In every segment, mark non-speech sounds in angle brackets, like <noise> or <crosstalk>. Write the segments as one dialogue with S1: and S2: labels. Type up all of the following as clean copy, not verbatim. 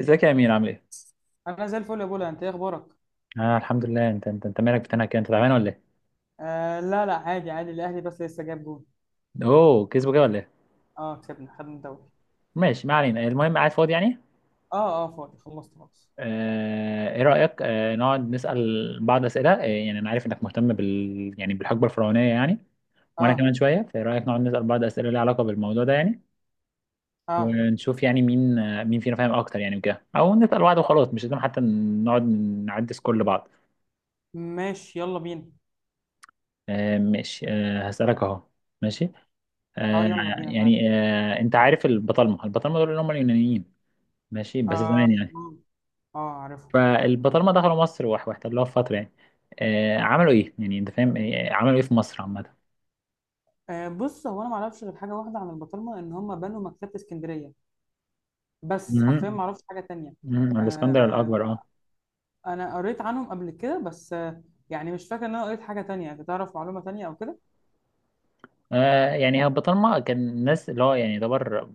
S1: ازيك يا امير، عامل ايه؟
S2: انا زي الفل يا بولا. انت ايه اخبارك؟
S1: اه الحمد لله. انت مالك بتنهك كده، انت تعبان ولا ايه؟
S2: آه، لا لا، عادي عادي، الاهلي بس لسه جاب جول.
S1: اوه، كسبه كده ولا ايه؟
S2: اه، كسبنا، خدنا الدوري.
S1: ماشي، ما علينا. المهم، قاعد فاضي يعني.
S2: اه، اه، فاضي، خلصت خلاص.
S1: آه، ايه رايك، نقعد نسال بعض اسئله، يعني انا عارف انك مهتم بالحقبه الفرعونيه يعني. وانا
S2: اه،
S1: كمان شويه، فايه رايك نقعد نسال بعض اسئله ليها علاقه بالموضوع ده يعني.
S2: اه،
S1: ونشوف يعني مين، مين فينا فاهم اكتر يعني، وكده، او نسال بعض وخلاص، مش لازم حتى نقعد نعدي سكور لبعض.
S2: ماشي، يلا بينا.
S1: آه ماشي، آه هسالك اهو. ماشي،
S2: اه،
S1: آه.
S2: يلا بينا معاك.
S1: يعني انت عارف البطالمه، دول اللي هم اليونانيين، ماشي؟ بس
S2: اه،
S1: زمان يعني.
S2: اه، آه، عارفه.
S1: فالبطالمه دخلوا مصر واحتلوها في فتره يعني. آه، عملوا ايه يعني، انت فاهم آه، عملوا ايه في مصر عامه؟
S2: آه، بص، هو انا ما اعرفش غير حاجه واحده عن البطرمه ان هم بنوا مكتبه اسكندريه. بس حرفيا
S1: مهم.
S2: ما اعرفش حاجه تانية.
S1: مهم. الاسكندر
S2: آه،
S1: الاكبر، اه.
S2: انا قريت عنهم قبل كده بس. يعني مش فاكر ان انا قريت حاجه تانية. انت تعرف معلومه تانية او كده؟
S1: آه، يعني هو البطالمه كان الناس اللي هو يعني يعتبر،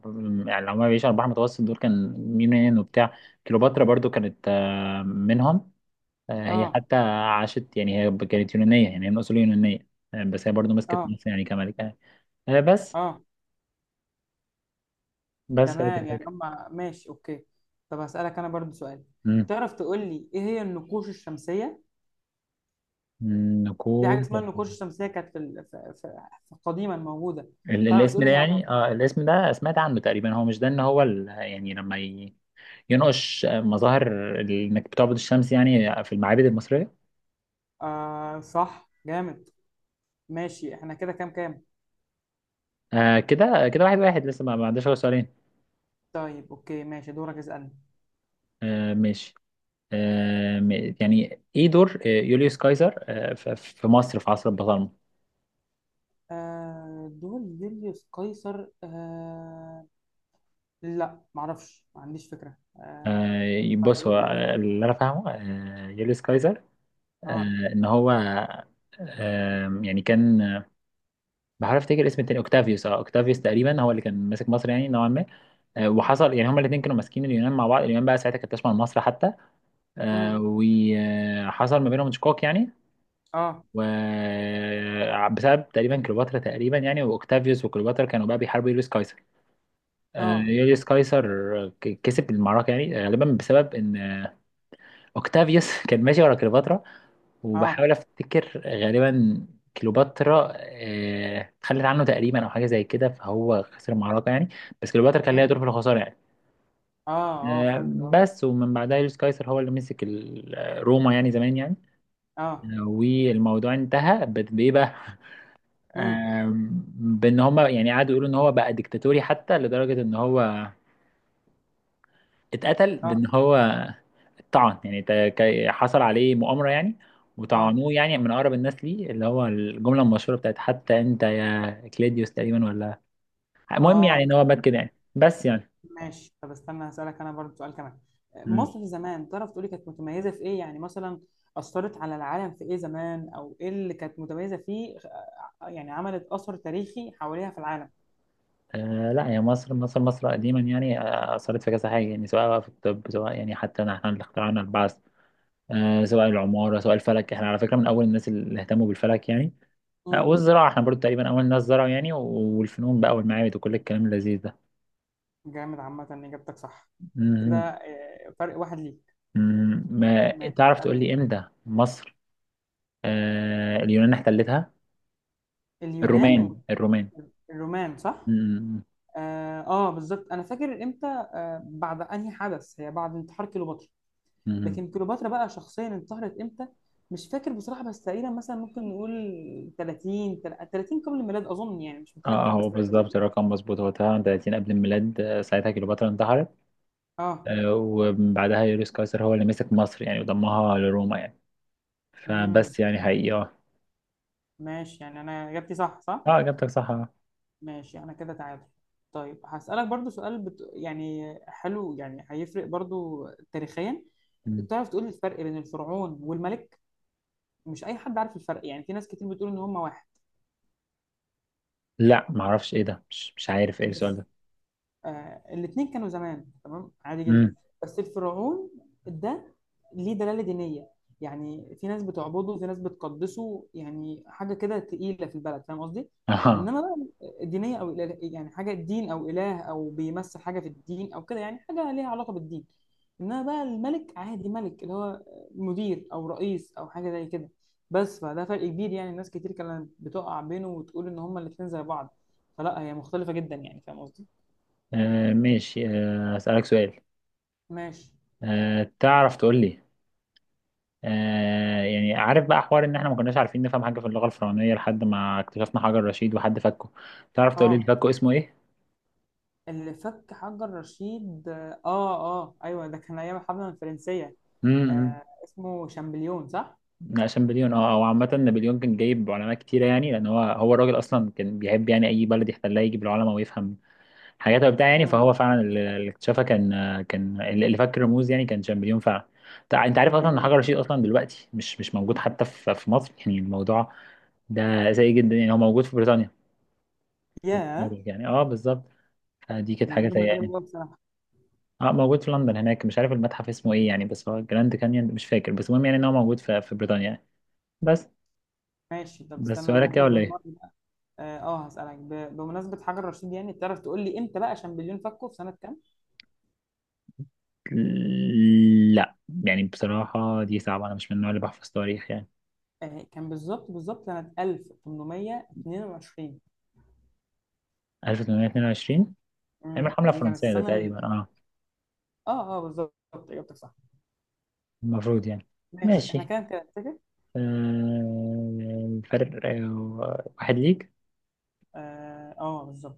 S1: يعني اللي هم بيعيشوا على البحر المتوسط، دول كان يونان وبتاع. كليوباترا برضو كانت آه، منهم. آه، هي
S2: اه،
S1: حتى عاشت، يعني هي كانت يونانيه، يعني هي من اصول يونانيه. آه، بس هي برضو مسكت
S2: اه،
S1: مصر يعني كملكه آه، آه، بس،
S2: اه،
S1: بس هي دي
S2: تمام، يعني
S1: الفكره.
S2: هم، ماشي، اوكي. طب هسألك انا برضو سؤال.
S1: مم.
S2: تعرف تقول لي ايه هي النقوش الشمسية؟
S1: مم،
S2: في حاجة
S1: نقود.
S2: اسمها النقوش الشمسية كانت في ال- في- في- في قديما موجودة. تعرف
S1: الاسم
S2: تقول
S1: ده،
S2: لي هي-؟
S1: يعني اه الاسم ده سمعت عنه تقريبا، هو مش ده ان هو ال... يعني لما ي... ينقش مظاهر انك بتعبد الشمس يعني في المعابد المصرية.
S2: آه، صح، جامد. ماشي احنا كده كام كام؟
S1: آه كده كده، واحد واحد. لسه ما عنديش غير سؤالين.
S2: طيب، اوكي، ماشي، دورك اسألني.
S1: آه ماشي. يعني ايه دور آه، يوليوس قيصر آه في مصر في عصر البطالمة؟
S2: آه، دول يوليوس قيصر. لا، معرفش، ما عنديش فكرة.
S1: آه
S2: ينفع
S1: بص، هو
S2: تقول لي؟
S1: آه، اللي انا فاهمه آه يوليوس قيصر، آه
S2: اه،
S1: ان هو، آه يعني كان، بحاول افتكر اسم التاني، اوكتافيوس. اه اوكتافيوس تقريبا هو اللي كان ماسك مصر يعني نوعا ما. آه، وحصل يعني هما الاثنين كانوا ماسكين اليونان مع بعض. اليونان بقى ساعتها كانت تشمل مصر حتى. آه،
S2: امم،
S1: وحصل ما بينهم شقاق يعني.
S2: اه،
S1: وبسبب تقريبا كليوباترا تقريبا، يعني واوكتافيوس وكليوباترا كانوا بقى بيحاربوا يوليوس قيصر. آه،
S2: اه،
S1: يوليوس قيصر كسب المعركه يعني، آه، غالبا بسبب ان آه، اوكتافيوس <laughs> كان ماشي ورا كليوباترا. وبحاول
S2: اه،
S1: افتكر غالبا كليوباترا آه، اتخلت عنه تقريبا او حاجه زي كده، فهو خسر المعركه يعني. بس كليوباترا كان ليها
S2: امم،
S1: دور في الخساره يعني.
S2: اه، اه
S1: آه،
S2: فهمت، اه،
S1: بس. ومن بعدها يوليوس قيصر هو اللي مسك آه، روما يعني زمان يعني.
S2: اه،
S1: آه، والموضوع انتهى بايه بقى؟
S2: مم.
S1: آم، بان هما يعني قعدوا يقولوا ان هو بقى ديكتاتوري، حتى لدرجه ان هو اتقتل،
S2: اه،
S1: بان هو طعن يعني حصل عليه مؤامرة يعني.
S2: اه،
S1: وطعنوه يعني من أقرب الناس ليه، اللي هو الجملة المشهورة بتاعت حتى أنت يا كليديوس تقريبا ولا. المهم
S2: اه.
S1: يعني إن هو مات كده يعني، بس يعني.
S2: ماشي، طب استنى، هسألك انا برضو سؤال كمان.
S1: مم.
S2: مصر زمان تعرف تقولي كانت متميزة في ايه؟ يعني مثلا أثرت على العالم في ايه زمان، او ايه اللي كانت متميزة فيه؟ يعني عملت أثر تاريخي حواليها في العالم.
S1: آه لا، يا مصر، مصر قديما يعني آه، أثرت في كذا حاجة يعني، سواء بقى في الطب، سواء يعني حتى إن إحنا اللي اخترعنا البعث، آه سواء العمارة، سواء الفلك، إحنا على فكرة من أول الناس اللي اهتموا بالفلك يعني. آه
S2: امم.
S1: والزراعة، إحنا برضو تقريبا أول ناس زرعوا يعني، والفنون بقى، والمعابد، وكل الكلام اللذيذ ده.
S2: جامد، عامة إجابتك صح كده.
S1: مم.
S2: فرق واحد ليك.
S1: مم، ما
S2: ماشي،
S1: تعرف تقول
S2: اسألني.
S1: لي امتى مصر آه اليونان احتلتها؟
S2: اليونان
S1: الرومان، الرومان.
S2: والرومان صح؟
S1: مم،
S2: اه، آه، بالظبط، انا فاكر امتى، آه، بعد انهي حدث. هي بعد انتحار كليوباترا.
S1: مم.
S2: لكن كليوباترا بقى شخصيا انتحرت امتى؟ مش فاكر بصراحه، بس تقريبا مثلا ممكن نقول 30، 30 قبل الميلاد اظن، يعني مش
S1: اه آه،
S2: متاكد، بس
S1: هو
S2: 30.
S1: بالظبط الرقم مظبوط، هو 30 قبل الميلاد. آه، ساعتها كليوباترا انتحرت.
S2: اه،
S1: آه وبعدها يوليوس قيصر هو اللي مسك مصر يعني، وضمها لروما يعني.
S2: امم.
S1: فبس يعني حقيقي اه.
S2: ماشي، يعني انا اجابتي صح صح.
S1: اه، اجابتك صح آه.
S2: ماشي انا كده تعادل. طيب هسألك برضو سؤال يعني حلو، يعني هيفرق برضو تاريخيا.
S1: مم.
S2: تعرف تقول لي الفرق بين الفرعون والملك؟ مش اي حد عارف الفرق، يعني في ناس كتير بتقول ان هم واحد.
S1: لا معرفش ايه ده، مش، مش عارف ايه السؤال
S2: بس
S1: ده.
S2: الاثنين كانوا زمان تمام عادي جدا.
S1: مم.
S2: بس الفرعون ده ليه دلالة دينية. يعني في ناس بتعبده وفي ناس بتقدسه، يعني حاجة كده تقيلة في البلد، فاهم قصدي؟
S1: <laughs> اه.
S2: انما بقى دينية او إله، يعني حاجة دين او اله او بيمثل حاجة في الدين او كده، يعني حاجة ليها علاقة بالدين. انما بقى الملك عادي، ملك اللي هو مدير او رئيس او حاجة زي كده. بس فده فرق كبير، يعني ناس كتير كانت بتقع بينه وتقول ان هما الاتنين زي بعض. فلا، هي مختلفة جدا، يعني فاهم قصدي؟
S1: آه، ماشي آه اسألك سؤال.
S2: ماشي.
S1: آه تعرف تقول لي، آه يعني عارف بقى حوار ان احنا ما كناش عارفين نفهم حاجه في اللغه الفرعونيه، لحد ما اكتشفنا حجر رشيد وحد فكه، تعرف تقولي
S2: اه،
S1: الفكه اسمه ايه؟
S2: اللي فك حجر رشيد، اه، اه، ايوه، ده كان ايام الحمله الفرنسيه.
S1: امم.
S2: آه، اسمه شامبليون صح؟
S1: لا، شامبليون اه. او عامه نابليون كان جايب علماء كتيره يعني، لان هو الراجل اصلا كان بيحب يعني اي بلد يحتلها يجيب العلماء ويفهم حاجات وبتاع يعني.
S2: امم،
S1: فهو فعلا اللي اكتشفها، كان، كان اللي فك الرموز يعني، كان شامبليون فعلا. انت عارف اصلا ان حجر
S2: شامبليون.
S1: رشيد اصلا دلوقتي مش موجود حتى في مصر يعني؟ الموضوع ده سيء جدا يعني، هو موجود في بريطانيا
S2: ياه،
S1: يعني. اه بالظبط. فدي كانت
S2: دي
S1: حاجه
S2: معلومه
S1: سيئه
S2: غريبه
S1: يعني.
S2: أوي بصراحه.
S1: اه، موجود في لندن هناك. مش عارف المتحف اسمه ايه
S2: مم.
S1: يعني، بس هو جراند كانيون، مش فاكر. بس المهم يعني ان هو موجود في بريطانيا يعني. بس،
S2: ماشي، طب
S1: بس
S2: استنى، انا
S1: سؤالك كده
S2: ممكن
S1: ولا ايه؟
S2: بالمره بقى. اه، آه، هسالك بمناسبه حجر رشيد، يعني تعرف تقول لي امتى بقى شامبليون فكه، في سنه كام؟
S1: لا، يعني بصراحه دي صعبه، انا مش من النوع اللي بحفظ تاريخ يعني.
S2: آه، كان بالظبط بالظبط سنه 1822.
S1: 1822.
S2: امم،
S1: ايام الحمله
S2: دي كانت
S1: الفرنسيه ده
S2: السنه ال...
S1: تقريبا، اه
S2: اه، اه، بالظبط، اجابتك صح.
S1: المفروض يعني.
S2: ماشي احنا
S1: ماشي،
S2: كده كده نتفق.
S1: آه الفرق آه، واحد ليك.
S2: اه، آه، بالظبط.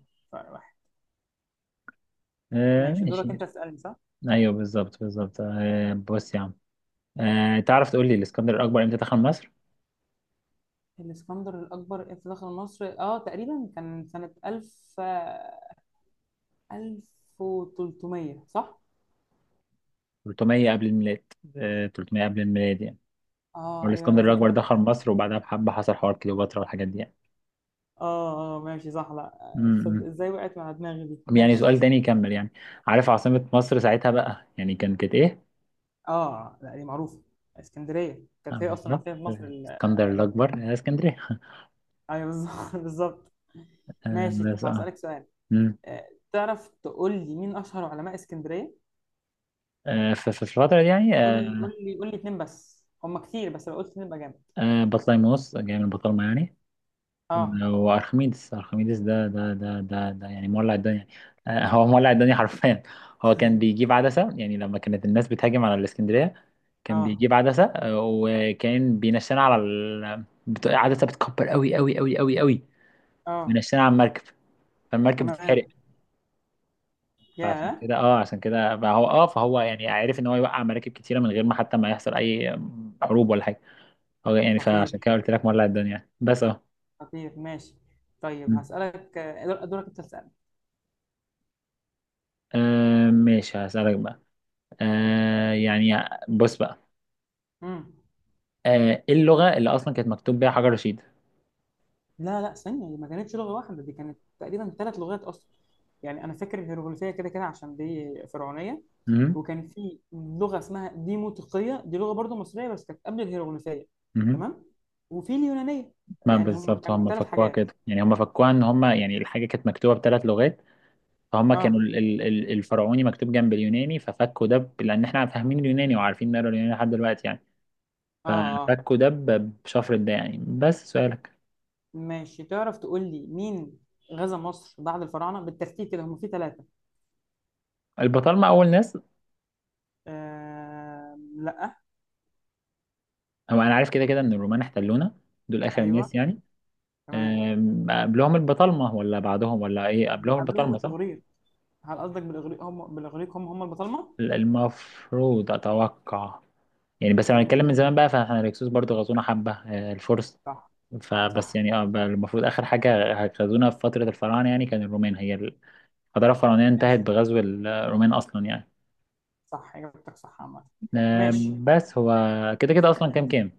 S1: آه
S2: ماشي، دورك
S1: ماشي.
S2: انت تسألني صح؟
S1: ايوه بالظبط، بالظبط. آه بص يا عم، آه تعرف تقول لي الاسكندر الاكبر امتى دخل مصر؟
S2: الاسكندر الأكبر امتى دخل مصر؟ اه تقريبا كان سنة 1000، 1300 صح؟
S1: 300 قبل الميلاد. آه، 300 قبل الميلاد يعني.
S2: اه، ايوه، انا
S1: والاسكندر
S2: فاكر
S1: الاكبر
S2: فاكر
S1: دخل
S2: كان-.
S1: مصر، وبعدها بحبه حصل حوار كليوباترا والحاجات دي يعني.
S2: اه، اه، ماشي، صح، لا تصدق
S1: امم.
S2: ازاي وقعت مع دماغي دي،
S1: يعني
S2: ماشي.
S1: سؤال تاني يكمل يعني. عارف عاصمة مصر ساعتها بقى يعني، كان كانت ايه؟
S2: اه، لا، دي معروفة. اسكندرية
S1: آه،
S2: كانت هي اصلا
S1: بالظبط
S2: عاصمة مصر ال-.
S1: الاسكندر
S2: ايام ال-.
S1: الاكبر آه، اسكندريه <laughs>
S2: ايوه، بالظبط <laughs> بالظبط.
S1: آه،
S2: ماشي،
S1: بس
S2: طب
S1: اه.
S2: هسألك سؤال.
S1: امم.
S2: تعرف تقول لي مين اشهر علماء اسكندرية؟
S1: آه، في الفترة دي يعني
S2: قول لي
S1: آه،
S2: قول لي قول لي اتنين بس، هم كتير، بس لو قلت اتنين يبقى جامد.
S1: آه، بطليموس جاي من بطالمة يعني.
S2: اه
S1: وارخميدس، ارخميدس ده يعني مولع الدنيا. آه، هو مولع الدنيا حرفيا. هو كان
S2: <laughs>
S1: بيجيب عدسة يعني، لما كانت الناس بتهاجم على الاسكندرية، كان
S2: اه،
S1: بيجيب عدسة آه، وكان بينشنا على ال... بت... عدسة بتكبر قوي قوي قوي قوي قوي.
S2: اه،
S1: وينشنا على المركب، فالمركب بتتحرق.
S2: تمام،
S1: فعشان
S2: يا
S1: كده اه، عشان كده فهو اه، فهو يعني عارف ان هو يوقع مراكب كتيرة من غير ما حتى ما يحصل اي حروب ولا حاجة. هو يعني فعشان
S2: خطير.
S1: كده قلت لك مولع الدنيا يعني. بس اه.
S2: خطير، ماشي.
S1: م.
S2: طيب هسألك دورك انت تسأل.
S1: آه، ماشي هسألك بقى، آه يعني، بص بقى،
S2: امم.
S1: آه، ايه اللغة اللي اصلا كانت مكتوب بيها حجر رشيد؟
S2: لا لا، ثانية دي ما كانتش لغة واحدة، دي كانت تقريبا ثلاث لغات أصلا. يعني أنا فاكر الهيروغليفية كده كده عشان دي فرعونية.
S1: مهم.
S2: وكان في لغة اسمها ديموتيقية، دي لغة برضو مصرية، بس كانت قبل الهيروغليفية.
S1: مهم.
S2: تمام. وفي اليونانية.
S1: ما
S2: يعني هم
S1: بالظبط
S2: كانوا
S1: هم
S2: ثلاث
S1: فكوها
S2: حاجات.
S1: كده يعني، هم فكوها ان هم يعني الحاجه كانت مكتوبه بثلاث لغات. فهم كانوا
S2: اه،
S1: الفرعوني مكتوب جنب اليوناني، ففكوا ده لان احنا فاهمين اليوناني وعارفين نقرا اليوناني لحد دلوقتي يعني.
S2: اه، اه،
S1: ففكوا ده بشفرة ده يعني. بس سؤالك،
S2: ماشي. تعرف تقول لي مين غزا مصر بعد الفراعنة بالترتيب كده؟ هم في ثلاثة.
S1: البطالمه اول ناس.
S2: لا.
S1: هو انا عارف كده كده ان الرومان احتلونا، دول اخر
S2: ايوه،
S1: الناس يعني.
S2: تمام.
S1: أم، قبلهم البطالمه ولا بعدهم ولا ايه؟ قبلهم
S2: قبلهم
S1: البطالمه صح،
S2: الاغريق. هل قصدك بالاغريق؟ هم بالاغريق هم البطالمه.
S1: المفروض اتوقع يعني. بس لو هنتكلم من
S2: مم،
S1: زمان بقى، فاحنا الهكسوس برضو غزونا حبه، أه، الفرس.
S2: صح.
S1: فبس
S2: صح.
S1: يعني اه المفروض اخر حاجه غزونا في فتره الفراعنه يعني كان الرومان. هي الحضاره الفرعونيه انتهت
S2: ماشي،
S1: بغزو الرومان اصلا يعني.
S2: صح، اجابتك صح عامه. ماشي.
S1: آم، بس هو
S2: آه،
S1: كده كده اصلا
S2: اسالني
S1: كام
S2: انت.
S1: كام؟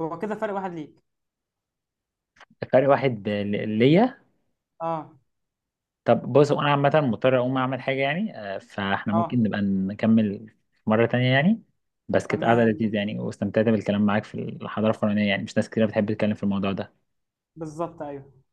S2: هو كده فرق واحد ليك.
S1: فرق واحد ليا.
S2: اه،
S1: طب بص، انا عامه مضطر اقوم اعمل حاجه يعني آه، فاحنا
S2: اه،
S1: ممكن نبقى نكمل مره تانية يعني. بس كانت قاعده
S2: تمام،
S1: لذيذه
S2: ماشي،
S1: يعني، واستمتعت بالكلام معاك في الحضاره الفرعونيه يعني، مش ناس كتير بتحب تتكلم في الموضوع ده.
S2: بالظبط، ايوه.